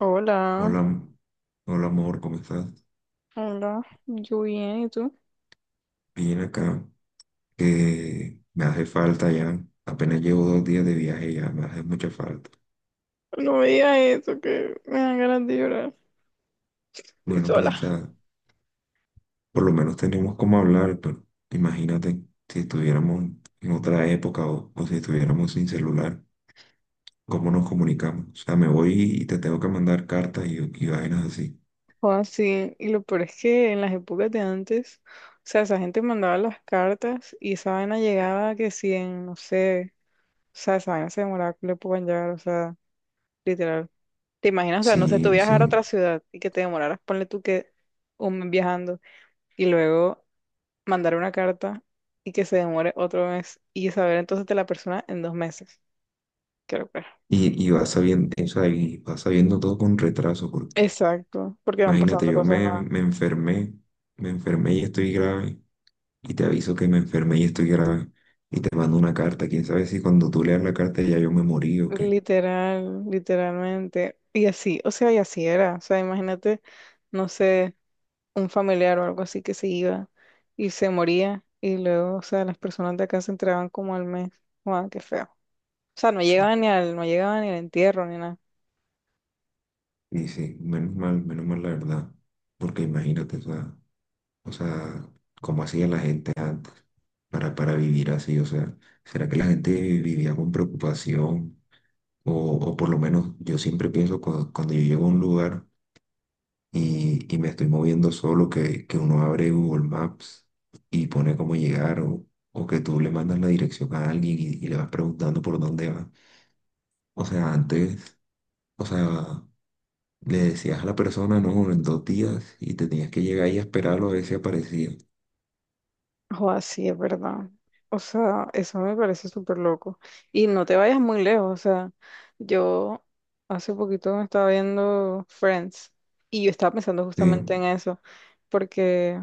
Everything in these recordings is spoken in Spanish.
Hola, Hola, hola amor, ¿cómo estás? hola, yo bien, ¿y tú? Bien acá, que me hace falta ya. Apenas llevo dos días de viaje y ya, me hace mucha falta. No me digas eso, que me dan ganas de llorar. Estoy Bueno, pero sola. o sea, por lo menos tenemos como hablar, pero imagínate si estuviéramos en otra época o si estuviéramos sin celular, ¿cómo nos comunicamos? O sea, me voy y te tengo que mandar cartas y vainas así. O así, y lo peor es que en las épocas de antes, o sea, esa gente mandaba las cartas y esa vaina llegaba que si en, no sé, o sea, esa vaina se demoraba que le puedan llegar, o sea, literal. ¿Te imaginas? O sea, no sé, tú Sí, viajar a sí. otra ciudad y que te demoraras, ponle tú que un mes viajando y luego mandar una carta y que se demore otro mes y saber entonces de la persona en dos meses. Qué locura. Y vas sabiendo, o sea, y vas sabiendo todo con retraso, porque Exacto, porque van imagínate, pasando cosas nuevas. Me enfermé y estoy grave, y te aviso que me enfermé y estoy grave, y te mando una carta. Quién sabe si cuando tú leas la carta ya yo me morí o qué. Literal, literalmente. Y así, o sea, y así era. O sea, imagínate, no sé, un familiar o algo así que se iba y se moría. Y luego, o sea, las personas de acá se entregaban como al mes. Guau, qué feo. O sea, no llegaban ni al, no llegaban ni al entierro ni nada. Y sí, menos mal la verdad, porque imagínate, o sea, cómo hacía la gente antes para vivir así, o sea, ¿será que la gente vivía con preocupación? O, o por lo menos yo siempre pienso cuando, yo llego a un lugar y me estoy moviendo solo, que uno abre Google Maps y pone cómo llegar o que tú le mandas la dirección a alguien y le vas preguntando por dónde va. O sea, antes, o sea, le decías a la persona, no, en dos días y te tenías que llegar y esperarlo a ver si aparecía. O así es verdad. O sea, eso me parece súper loco. Y no te vayas muy lejos. O sea, yo hace poquito me estaba viendo Friends y yo estaba pensando Sí, justamente en eso, porque,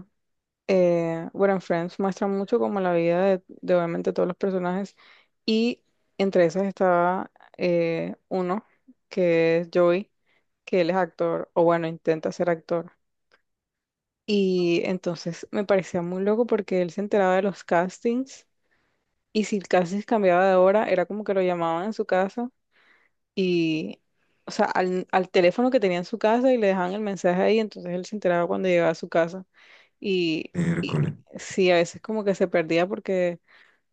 bueno, en Friends muestra mucho como la vida de obviamente todos los personajes y entre esas estaba uno que es Joey, que él es actor, o bueno, intenta ser actor. Y entonces me parecía muy loco porque él se enteraba de los castings y si el casting cambiaba de hora, era como que lo llamaban en su casa y, o sea, al teléfono que tenía en su casa y le dejaban el mensaje ahí, entonces él se enteraba cuando llegaba a su casa. Y, y miércoles, sí, a veces como que se perdía porque,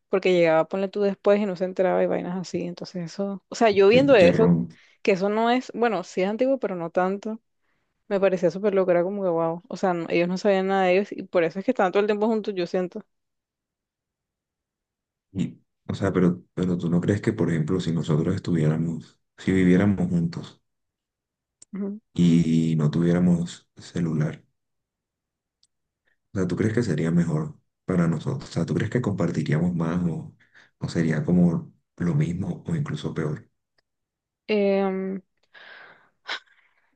porque llegaba, ponle tú después y no se enteraba y vainas así. Entonces eso, o sea, yo qué viendo eso, chicharrón. que eso no es, bueno, sí es antiguo, pero no tanto. Me parecía súper loco, era como que wow. O sea, no- ellos no sabían nada de ellos y por eso es que estaban todo el tiempo juntos, yo siento. Y, o sea, pero tú no crees que, por ejemplo, si nosotros estuviéramos, si viviéramos juntos Ujú. y no tuviéramos celular, o sea, ¿tú crees que sería mejor para nosotros? O sea, ¿tú crees que compartiríamos más o sería como lo mismo o incluso peor? Em,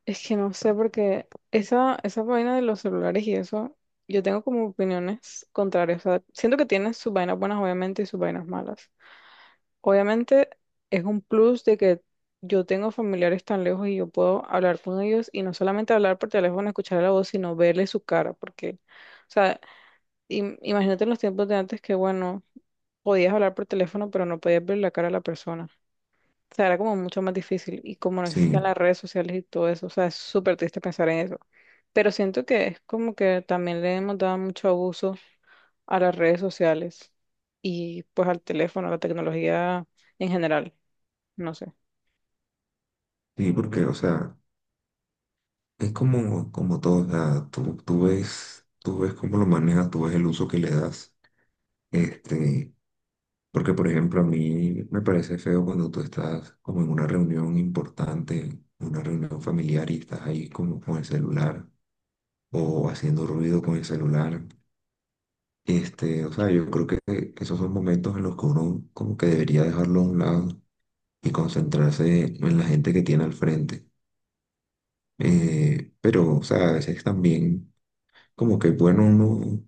es que no sé, porque esa vaina de los celulares y eso, yo tengo como opiniones contrarias. O sea, siento que tiene sus vainas buenas, obviamente, y sus vainas malas. Obviamente, es un plus de que yo tengo familiares tan lejos y yo puedo hablar con ellos y no solamente hablar por teléfono, escuchar la voz, sino verle su cara, porque, o sea, im- imagínate en los tiempos de antes que, bueno, podías hablar por teléfono, pero no podías ver la cara de la persona. O sea, era como mucho más difícil y como no existían Sí, las redes sociales y todo eso, o sea, es súper triste pensar en eso. Pero siento que es como que también le hemos dado mucho abuso a las redes sociales y pues al teléfono, a la tecnología en general, no sé. sí, porque, o sea, es como, como todo, o sea, tú, tú ves cómo lo manejas, tú ves el uso que le das. Este, porque, por ejemplo, a mí me parece feo cuando tú estás como en una reunión importante, una reunión familiar y estás ahí como con el celular o haciendo ruido con el celular. Este, o sea, yo creo que esos son momentos en los que uno como que debería dejarlo a un lado y concentrarse en la gente que tiene al frente. Pero, o sea, a veces también como que bueno uno,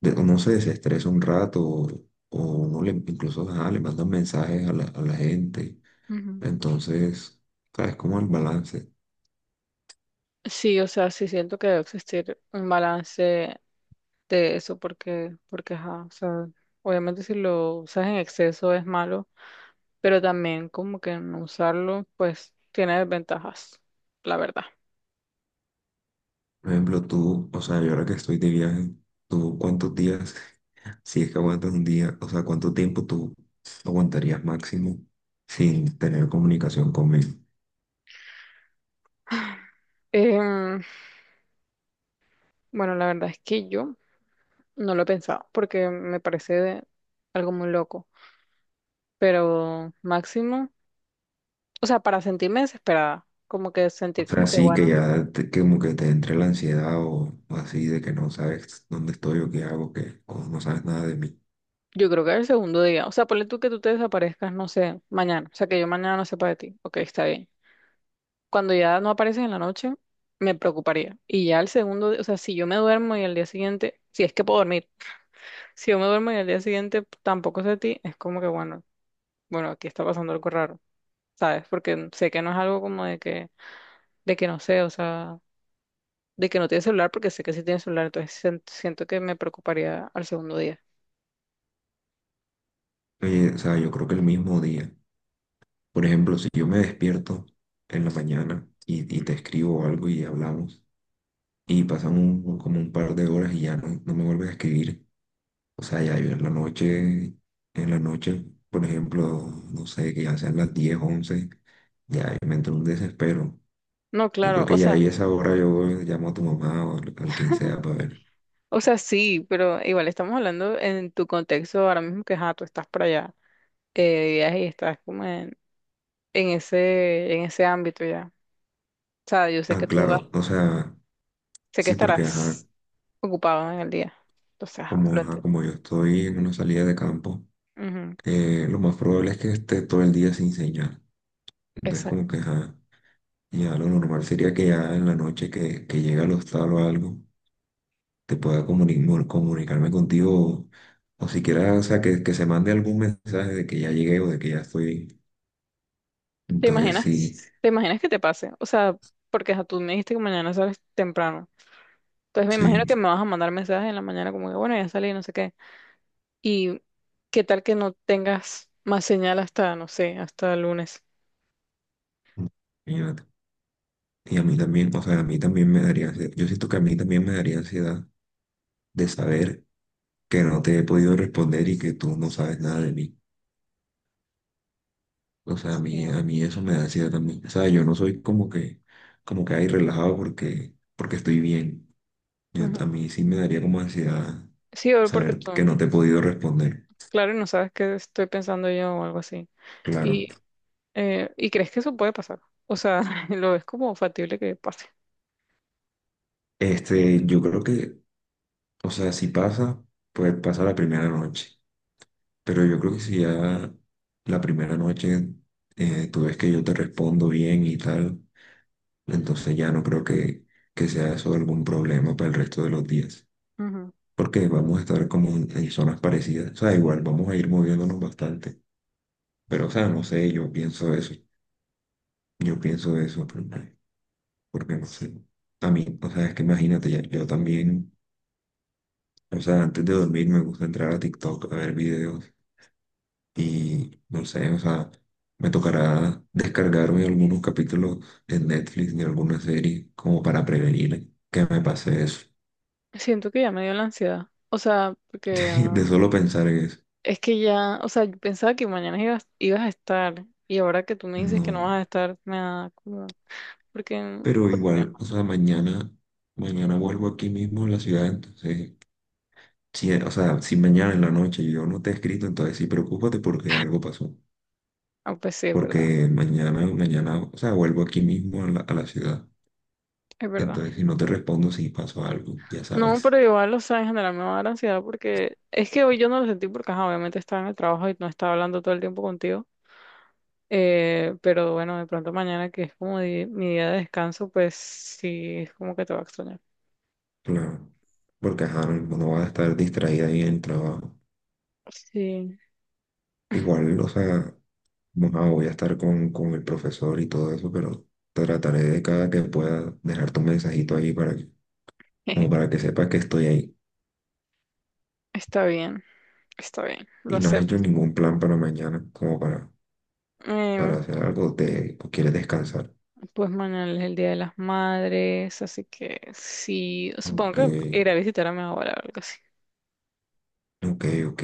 uno se desestresa un rato o uno le, incluso ajá, le manda mensajes a a la gente. Ujú. Entonces, o sea, es como el balance. Sí, o sea, sí siento que debe existir un balance de eso porque, porque, ajá, o sea, obviamente si lo usas en exceso es malo, pero también como que no usarlo, pues tiene desventajas, la verdad. Por ejemplo, tú, o sea, yo ahora que estoy de viaje, ¿tú cuántos días si es que aguantas un día, o sea, ¿cuánto tiempo tú aguantarías máximo sin tener comunicación conmigo? Em, bueno, la verdad es que yo no lo he pensado porque me parece de- algo muy loco, pero máximo, o sea, para sentirme desesperada, como que O sentir como sea, que, sí bueno, que ya que como que te entre la ansiedad o así de que no sabes dónde estoy o qué hago, que o no sabes nada de mí. yo creo que el segundo día, o sea, ponle tú que tú te desaparezcas, no sé, mañana, o sea, que yo mañana no sepa de ti, ok, está bien. Cuando ya no apareces en la noche, me preocuparía. Y ya el segundo, día, o sea, si yo me duermo y al día siguiente, si es que puedo dormir. Si yo me duermo y al día siguiente tampoco sé a ti, es como que bueno, bueno, aquí está pasando algo raro, ¿sabes? Porque sé que no es algo como de que no sé, o sea, de que no tiene celular, porque sé que sí tiene celular, entonces sien- siento que me preocuparía al segundo día. Oye, o sea, yo creo que el mismo día, por ejemplo, si yo me despierto en la mañana y te escribo algo y hablamos y pasan como un par de horas y ya no, no me vuelves a escribir. O sea, ya yo en la noche, por ejemplo, no sé, que ya sean las 10 11 ya me entró un desespero. No, Yo claro, creo que ya ahí a esa hora yo llamo a tu mamá o al quien sea para ver. o sea, sí, pero igual estamos hablando en tu contexto ahora mismo que, ajá, tú estás para allá, de viaje y estás como en ese ámbito ya. O sea, yo sé Ah, que tú vas, claro, o sea, sé que sí, porque estarás ocupado en el día. Entonces, ajá, lo ajá, entiendo. como yo estoy en una salida de campo, Ujú. Lo más probable es que esté todo el día sin señal. Entonces, como Exacto. que ajá, ya lo normal sería que ya en la noche que llegue al hostal o algo que pueda comunicarme contigo o siquiera, o sea, que se mande algún mensaje de que ya llegué o de que ya estoy. ¿Te Entonces, sí, imaginas? ¿Te imaginas que te pase? O sea, porque ajá, tú me dijiste que mañana sales temprano. Entonces me imagino sí, que me vas a mandar mensajes en la mañana como que, bueno, ya salí, no sé qué. ¿Y qué tal que no tengas más señal hasta, no sé, hasta el lunes? imagínate. Y a mí también, o sea, a mí también me daría ansiedad. Yo siento que a mí también me daría ansiedad de saber que no te he podido responder y que tú no sabes nada de mí. O sea, Sí. A mí eso me da ansiedad también. O sea, yo no soy como que ahí relajado porque, porque estoy bien. A Ujú. mí sí me daría como ansiedad Sí, o porque saber que tú, no te he podido responder. claro, y no sabes qué estoy pensando yo o algo así. Claro. Y, ¿Y crees que eso puede pasar? O sea, lo ves como factible que pase. Este, yo creo que, o sea, si pasa, pues pasa la primera noche. Pero yo creo que si ya la primera noche tú ves que yo te respondo bien y tal, entonces ya no creo que sea eso algún problema para el resto de los días. Ujú. Porque vamos a estar como en zonas parecidas. O sea, igual vamos a ir moviéndonos bastante. Pero, o sea, no sé, yo pienso eso. Yo pienso eso, pero, porque no sé. A mí, o sea, es que imagínate, ya, yo también. O sea, antes de dormir me gusta entrar a TikTok a ver videos y no sé, o sea, me tocará descargarme algunos capítulos de Netflix de alguna serie como para prevenir que me pase eso. Siento que ya me dio la ansiedad. O sea, porque ya. De solo pensar en eso. Es que ya, o sea, yo pensaba que mañana ibas, ibas a estar y ahora que tú me dices que no vas No, a estar, me da como, porque, pero porque, igual, o sea, mañana, mañana vuelvo aquí mismo en la ciudad, entonces, si, o sea, si mañana en la noche yo no te he escrito, entonces sí, preocúpate porque algo pasó. ah, pues sí, es verdad, Porque mañana, mañana, o sea, vuelvo aquí mismo a la ciudad. es verdad. Entonces, si no te respondo, si pasó algo, ya No, sabes. pero igual, o sea, en general me va a dar ansiedad porque es que hoy yo no lo sentí porque, ajá, obviamente estaba en el trabajo y no estaba hablando todo el tiempo contigo, pero bueno, de pronto mañana que es como di- mi día de descanso, pues sí, es como que te va a extrañar. Claro. Porque, ajá, no, no vas a estar distraída ahí en el trabajo. Sí, Igual, o sea, bueno, voy a estar con el profesor y todo eso, pero trataré de cada que pueda dejar tu mensajito ahí para que, como para que sepas que estoy ahí. está bien, está bien, lo Y no has hecho acepto. ningún plan para mañana, como para Em, hacer algo, te, o quieres descansar. Pues mañana es el Día de las Madres, así que sí, supongo Ok, que iré a visitar a mi abuela o algo así. ok, ok.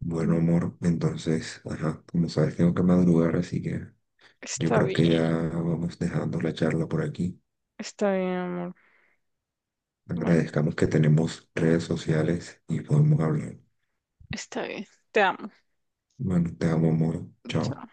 Bueno, Mm, amor, entonces, ajá, como sabes, tengo que madrugar, así que yo está creo que bien, ya vamos dejando la charla por aquí. está bien, amor. Bueno, Agradezcamos que tenemos redes sociales y podemos hablar. está bien. Te amo. Bueno, te amo, amor. Chao. Chao.